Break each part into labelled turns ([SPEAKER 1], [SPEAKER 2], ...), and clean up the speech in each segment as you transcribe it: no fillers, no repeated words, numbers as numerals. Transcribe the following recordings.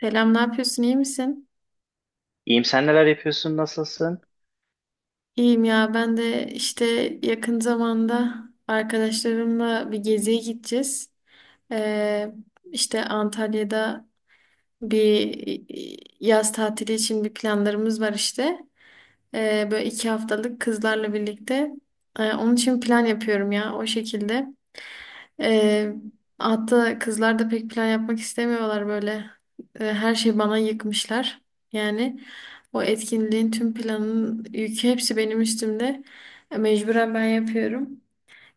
[SPEAKER 1] Selam, ne yapıyorsun? İyi misin?
[SPEAKER 2] İyiyim, sen neler yapıyorsun, nasılsın?
[SPEAKER 1] İyiyim ya. Ben de işte yakın zamanda arkadaşlarımla bir geziye gideceğiz. Ee, işte Antalya'da bir yaz tatili için bir planlarımız var işte. Böyle iki haftalık kızlarla birlikte. Onun için plan yapıyorum ya o şekilde. Ee, Hatta kızlar da pek plan yapmak istemiyorlar böyle. Her şeyi bana yıkmışlar. Yani o etkinliğin tüm planının yükü hepsi benim üstümde. Mecburen ben yapıyorum.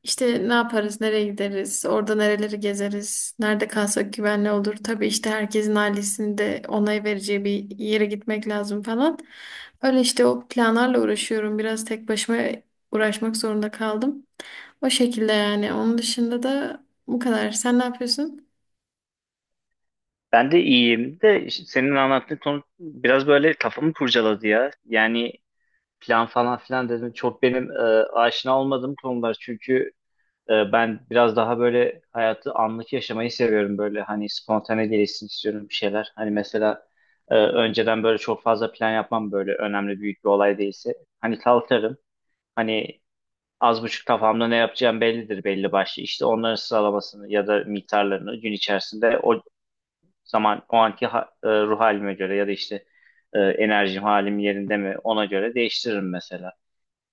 [SPEAKER 1] İşte ne yaparız, nereye gideriz, orada nereleri gezeriz, nerede kalsak güvenli olur. Tabii işte herkesin ailesinin de onay vereceği bir yere gitmek lazım falan. Öyle işte o planlarla uğraşıyorum. Biraz tek başıma uğraşmak zorunda kaldım. O şekilde yani. Onun dışında da bu kadar. Sen ne yapıyorsun?
[SPEAKER 2] Ben de iyiyim de işte senin anlattığın konu biraz böyle kafamı kurcaladı ya. Yani plan falan filan dedim, çok benim aşina olmadığım konular çünkü ben biraz daha böyle hayatı anlık yaşamayı seviyorum, böyle hani spontane gelişsin istiyorum bir şeyler. Hani mesela önceden böyle çok fazla plan yapmam, böyle önemli büyük bir olay değilse. Hani kalkarım, hani az buçuk kafamda ne yapacağım bellidir, belli başlı. İşte onların sıralamasını ya da miktarlarını gün içerisinde o zaman o anki ruh halime göre ya da işte enerjim, halim yerinde mi, ona göre değiştiririm mesela.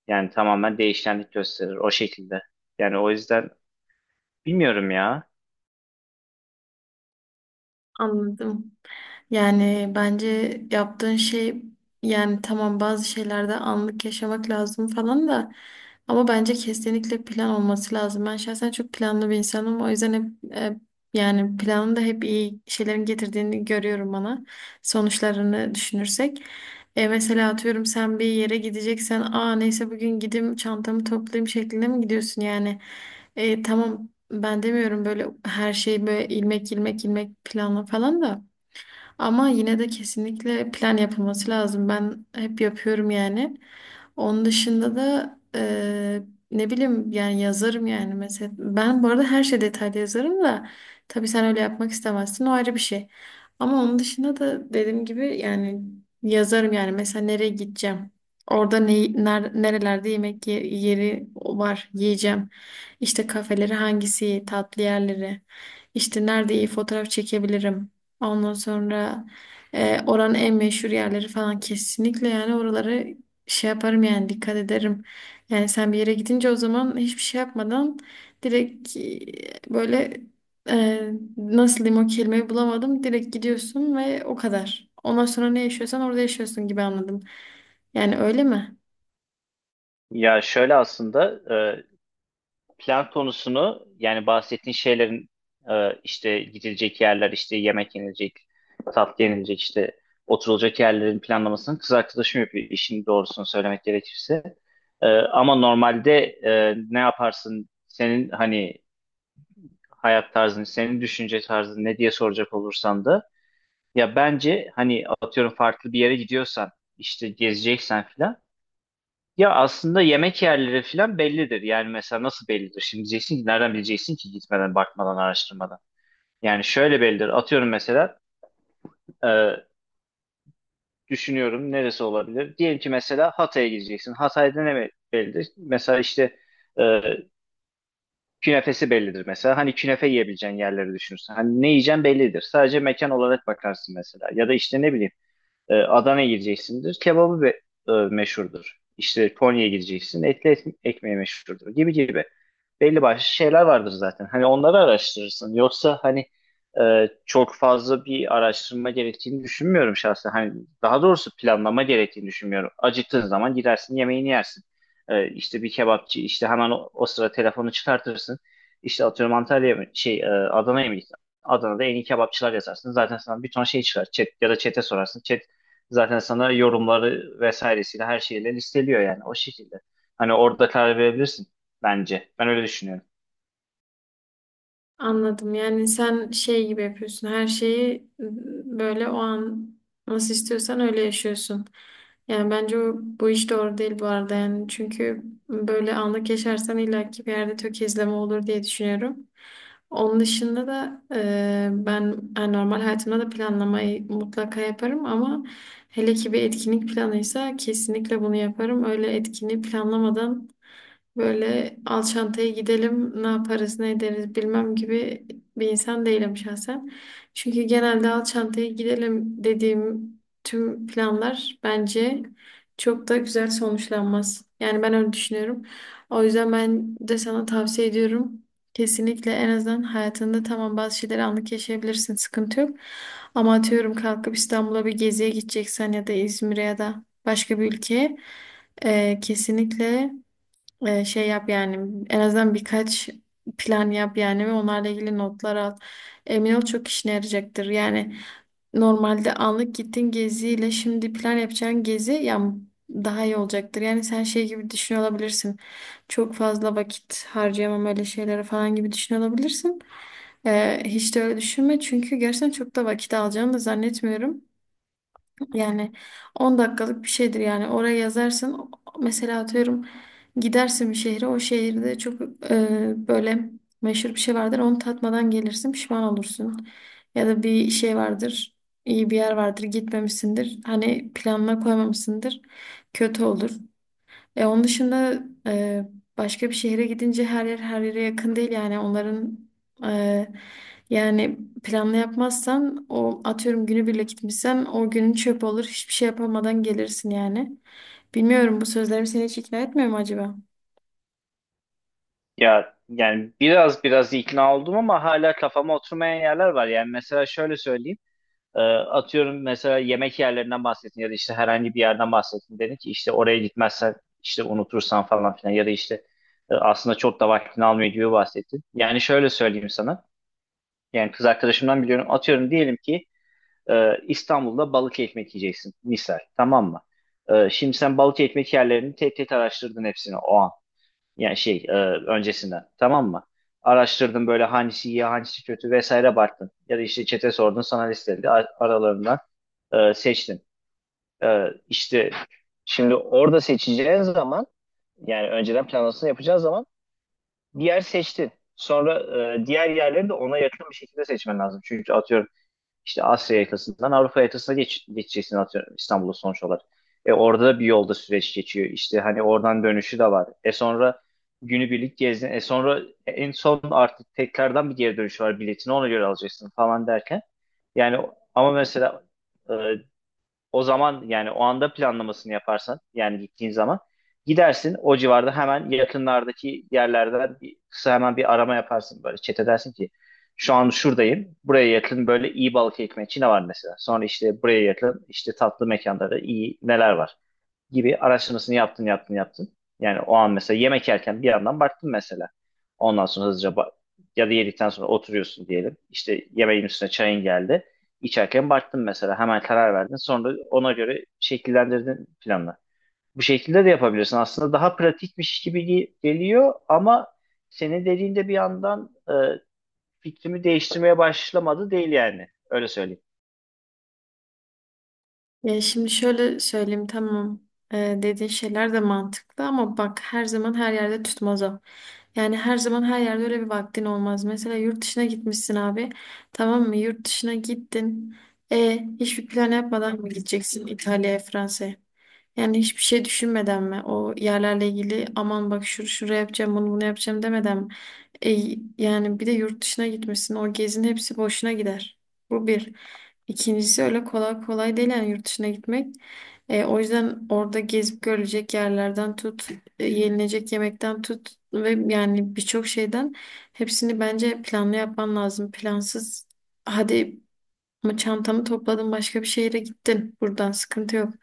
[SPEAKER 2] Yani tamamen değişkenlik gösterir o şekilde. Yani o yüzden bilmiyorum ya.
[SPEAKER 1] Anladım. Yani bence yaptığın şey yani tamam bazı şeylerde anlık yaşamak lazım falan da ama bence kesinlikle plan olması lazım. Ben şahsen çok planlı bir insanım. O yüzden hep yani planın da hep iyi şeylerin getirdiğini görüyorum bana. Sonuçlarını düşünürsek. Mesela atıyorum sen bir yere gideceksen aa neyse bugün gideyim çantamı toplayayım şeklinde mi gidiyorsun yani? Tamam ben demiyorum böyle her şeyi böyle ilmek planla falan da. Ama yine de kesinlikle plan yapılması lazım. Ben hep yapıyorum yani. Onun dışında da ne bileyim yani yazarım yani mesela. Ben bu arada her şey detaylı yazarım da tabii sen öyle yapmak istemezsin o ayrı bir şey. Ama onun dışında da dediğim gibi yani yazarım yani mesela nereye gideceğim. Orada ne, nerelerde yeri var yiyeceğim. İşte kafeleri hangisi, tatlı yerleri. İşte nerede iyi fotoğraf çekebilirim. Ondan sonra oranın en meşhur yerleri falan kesinlikle yani oraları şey yaparım yani dikkat ederim. Yani sen bir yere gidince o zaman hiçbir şey yapmadan direkt böyle e, nasıl diyeyim o kelimeyi bulamadım. Direkt gidiyorsun ve o kadar. Ondan sonra ne yaşıyorsan orada yaşıyorsun gibi anladım. Yani öyle mi?
[SPEAKER 2] Ya şöyle aslında, e, plan konusunu, yani bahsettiğin şeylerin, işte gidilecek yerler, işte yemek yenilecek, tatlı yenilecek, işte oturulacak yerlerin planlamasını kız arkadaşım yapıyor, işin doğrusunu söylemek gerekirse. Ama normalde ne yaparsın, senin hani hayat tarzın, senin düşünce tarzın ne diye soracak olursan da ya bence hani atıyorum farklı bir yere gidiyorsan, işte gezeceksen filan, ya aslında yemek yerleri falan bellidir. Yani mesela nasıl bellidir? Şimdi diyeceksin ki nereden bileceksin ki gitmeden, bakmadan, araştırmadan. Yani şöyle bellidir. Atıyorum mesela e, düşünüyorum neresi olabilir? Diyelim ki mesela Hatay'a gideceksin. Hatay'da ne bellidir? Mesela işte e, künefesi bellidir mesela. Hani künefe yiyebileceğin yerleri düşünürsen, hani ne yiyeceğin bellidir. Sadece mekan olarak bakarsın mesela. Ya da işte ne bileyim, Adana'ya gideceksindir. Kebabı meşhurdur. İşte Konya'ya gideceksin. Etli ekmeği meşhurdur, gibi gibi. Belli başlı şeyler vardır zaten. Hani onları araştırırsın. Yoksa hani çok fazla bir araştırma gerektiğini düşünmüyorum şahsen. Hani daha doğrusu planlama gerektiğini düşünmüyorum. Acıktığın zaman gidersin, yemeğini yersin. İşte bir kebapçı, işte hemen o sıra telefonu çıkartırsın. İşte atıyorum Antalya'ya mı, Adana'ya mı gittin? Adana'da en iyi kebapçılar yazarsın. Zaten sana bir ton şey çıkar. Chat ya da chat'e sorarsın. Chat zaten sana yorumları vesairesiyle her şeyle listeliyor, yani o şekilde. Hani orada karar verebilirsin bence. Ben öyle düşünüyorum.
[SPEAKER 1] Anladım. Yani sen şey gibi yapıyorsun. Her şeyi böyle o an nasıl istiyorsan öyle yaşıyorsun. Yani bence bu iş doğru değil bu arada. Yani çünkü böyle anlık yaşarsan illaki bir yerde tökezleme olur diye düşünüyorum. Onun dışında da ben yani normal hayatımda da planlamayı mutlaka yaparım ama hele ki bir etkinlik planıysa kesinlikle bunu yaparım. Öyle etkinliği planlamadan böyle Alçantay'a gidelim, ne yaparız, ne ederiz bilmem gibi bir insan değilim şahsen. Çünkü genelde Alçantay'a gidelim dediğim tüm planlar bence çok da güzel sonuçlanmaz. Yani ben öyle düşünüyorum. O yüzden ben de sana tavsiye ediyorum. Kesinlikle en azından hayatında tamam bazı şeyleri anlık yaşayabilirsin, sıkıntı yok. Ama atıyorum kalkıp İstanbul'a bir geziye gideceksen ya da İzmir'e ya da başka bir ülkeye kesinlikle şey yap yani en azından birkaç plan yap yani ve onlarla ilgili notlar al. Emin ol çok işine yarayacaktır. Yani normalde anlık gittin geziyle şimdi plan yapacağın gezi ya daha iyi olacaktır. Yani sen şey gibi düşünüyor olabilirsin. Çok fazla vakit harcayamam öyle şeylere falan gibi düşünüyor olabilirsin. Hiç de öyle düşünme çünkü gerçekten çok da vakit alacağını da zannetmiyorum. Yani 10 dakikalık bir şeydir yani oraya yazarsın mesela atıyorum gidersin bir şehre o şehirde çok böyle meşhur bir şey vardır onu tatmadan gelirsin pişman olursun ya da bir şey vardır iyi bir yer vardır gitmemişsindir hani planına koymamışsındır kötü olur onun dışında başka bir şehre gidince her yer her yere yakın değil yani onların e, yani planlı yapmazsan o atıyorum günübirlik gitmişsen o günün çöp olur hiçbir şey yapamadan gelirsin yani. Bilmiyorum bu sözlerim seni hiç ikna etmiyor mu acaba?
[SPEAKER 2] Ya yani biraz ikna oldum ama hala kafama oturmayan yerler var. Yani mesela şöyle söyleyeyim. Atıyorum mesela yemek yerlerinden bahsettin ya da işte herhangi bir yerden bahsettin. Dedin ki işte oraya gitmezsen, işte unutursan falan filan ya da işte aslında çok da vaktini almıyor gibi bahsettin. Yani şöyle söyleyeyim sana. Yani kız arkadaşımdan biliyorum. Atıyorum diyelim ki İstanbul'da balık ekmek yiyeceksin misal, tamam mı? Şimdi sen balık ekmek yerlerini tek tek araştırdın hepsini o an. Yani öncesinden, tamam mı? Araştırdın, böyle hangisi iyi, hangisi kötü vesaire baktın. Ya da işte çete sordun, sana listeledi. Aralarından seçtin. İşte şimdi orada seçeceğin zaman, yani önceden planlamasını yapacağın zaman bir yer seçtin. Sonra diğer yerleri de ona yakın bir şekilde seçmen lazım. Çünkü atıyorum işte Asya yakasından Avrupa yakasına geçeceksin, atıyorum İstanbul'a, sonuç olarak. E orada da bir yolda süreç geçiyor. İşte hani oradan dönüşü de var. E sonra günübirlik gezdin. E sonra en son artık tekrardan bir geri dönüş var. Biletini ona göre alacaksın falan derken. Yani ama mesela e, o zaman, yani o anda planlamasını yaparsan, yani gittiğin zaman gidersin, o civarda hemen yakınlardaki yerlerden bir, kısa hemen bir arama yaparsın, böyle chat edersin ki şu an şuradayım, buraya yakın böyle iyi balık ekmek Çin'e var mesela, sonra işte buraya yakın işte tatlı mekanları iyi neler var gibi araştırmasını yaptın. Yani o an mesela yemek yerken bir yandan baktın mesela. Ondan sonra hızlıca ya da yedikten sonra oturuyorsun diyelim. İşte yemeğin üstüne çayın geldi. İçerken baktın mesela, hemen karar verdin. Sonra ona göre şekillendirdin planla. Bu şekilde de yapabilirsin. Aslında daha pratikmiş gibi geliyor ama senin dediğinde bir yandan fikrimi değiştirmeye başlamadı değil yani. Öyle söyleyeyim.
[SPEAKER 1] Ya şimdi şöyle söyleyeyim tamam dediğin şeyler de mantıklı ama bak her zaman her yerde tutmaz o. Yani her zaman her yerde öyle bir vaktin olmaz. Mesela yurt dışına gitmişsin abi tamam mı yurt dışına gittin. Hiçbir plan yapmadan mı gideceksin İtalya'ya Fransa'ya? Yani hiçbir şey düşünmeden mi? O yerlerle ilgili aman bak şuraya yapacağım bunu bunu yapacağım demeden mi? E, Yani bir de yurt dışına gitmişsin. O gezinin hepsi boşuna gider. Bu bir. İkincisi öyle kolay kolay değil yani yurt dışına gitmek. O yüzden orada gezip görülecek yerlerden tut, yenilecek yemekten tut ve yani birçok şeyden hepsini bence planlı yapman lazım. Plansız hadi ama çantamı topladın başka bir şehire gittin. Buradan sıkıntı yok.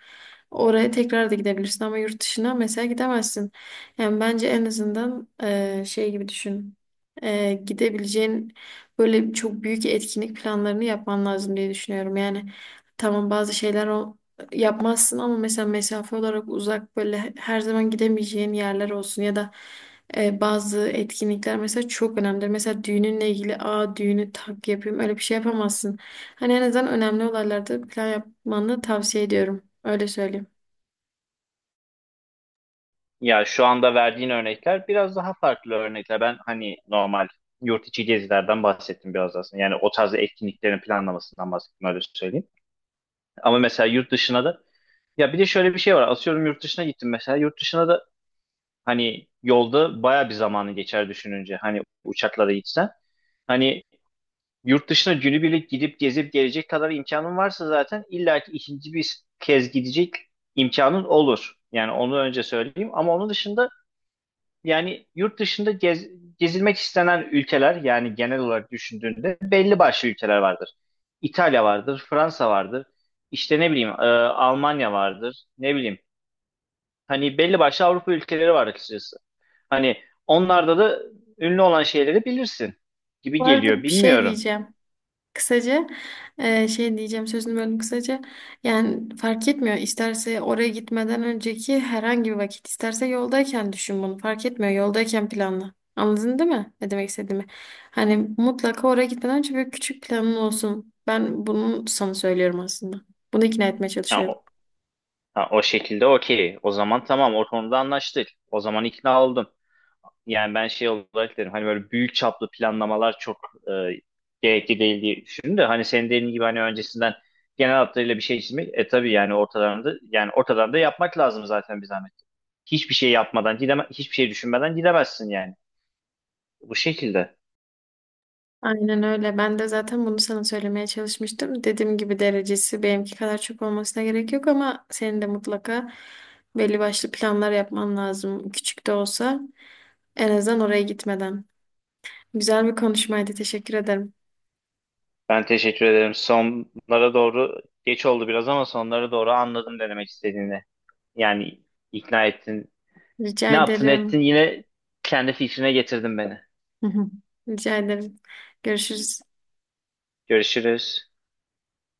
[SPEAKER 1] Oraya tekrar da gidebilirsin ama yurt dışına mesela gidemezsin. Yani bence en azından şey gibi düşün. Gidebileceğin böyle çok büyük etkinlik planlarını yapman lazım diye düşünüyorum. Yani tamam bazı şeyler o yapmazsın ama mesela mesafe olarak uzak böyle her zaman gidemeyeceğin yerler olsun ya da bazı etkinlikler mesela çok önemlidir. Mesela düğününle ilgili aa düğünü tak yapayım öyle bir şey yapamazsın. Hani en azından önemli olaylarda plan yapmanı tavsiye ediyorum. Öyle söyleyeyim.
[SPEAKER 2] Ya şu anda verdiğin örnekler biraz daha farklı örnekler. Ben hani normal yurt içi gezilerden bahsettim biraz aslında. Yani o tarz etkinliklerin planlamasından bahsettim, öyle söyleyeyim. Ama mesela yurt dışına da, ya bir de şöyle bir şey var. Asıyorum yurt dışına gittim mesela. Yurt dışına da hani yolda baya bir zamanı geçer düşününce. Hani uçaklara gitsen. Hani yurt dışına günübirlik gidip gezip gelecek kadar imkanın varsa zaten illaki ikinci bir kez gidecek imkanın olur. Yani onu önce söyleyeyim. Ama onun dışında, yani yurt dışında gezilmek istenen ülkeler, yani genel olarak düşündüğünde belli başlı ülkeler vardır. İtalya vardır, Fransa vardır, işte ne bileyim Almanya vardır, ne bileyim. Hani belli başlı Avrupa ülkeleri var açıkçası. Hani onlarda da ünlü olan şeyleri bilirsin gibi
[SPEAKER 1] Bu
[SPEAKER 2] geliyor.
[SPEAKER 1] arada bir şey
[SPEAKER 2] Bilmiyorum.
[SPEAKER 1] diyeceğim. Kısaca şey diyeceğim sözünü böldüm kısaca. Yani fark etmiyor. İsterse oraya gitmeden önceki herhangi bir vakit, isterse yoldayken düşün bunu. Fark etmiyor. Yoldayken planla. Anladın değil mi? Ne demek istediğimi? Hani mutlaka oraya gitmeden önce bir küçük planın olsun. Ben bunu sana söylüyorum aslında. Bunu ikna etmeye
[SPEAKER 2] Ha,
[SPEAKER 1] çalışıyorum.
[SPEAKER 2] o, ha, o şekilde okey. O zaman tamam, o konuda anlaştık. O zaman ikna oldum. Yani ben şey olarak derim, hani böyle büyük çaplı planlamalar çok e, gerekli değil diye düşündüm de hani senin dediğin gibi hani öncesinden genel hatlarıyla bir şey çizmek, e tabii yani ortadan da yapmak lazım zaten bir zahmet. Hiçbir şey yapmadan hiçbir şey düşünmeden gidemezsin yani. Bu şekilde.
[SPEAKER 1] Aynen öyle. Ben de zaten bunu sana söylemeye çalışmıştım. Dediğim gibi derecesi benimki kadar çok olmasına gerek yok ama senin de mutlaka belli başlı planlar yapman lazım. Küçük de olsa en azından oraya gitmeden. Güzel bir konuşmaydı. Teşekkür ederim.
[SPEAKER 2] Ben teşekkür ederim. Sonlara doğru geç oldu biraz ama sonlara doğru anladım ne demek istediğini. Yani ikna ettin.
[SPEAKER 1] Rica
[SPEAKER 2] Ne yaptın ettin,
[SPEAKER 1] ederim.
[SPEAKER 2] yine kendi fikrine getirdin beni.
[SPEAKER 1] Rica ederim. Görüşürüz.
[SPEAKER 2] Görüşürüz.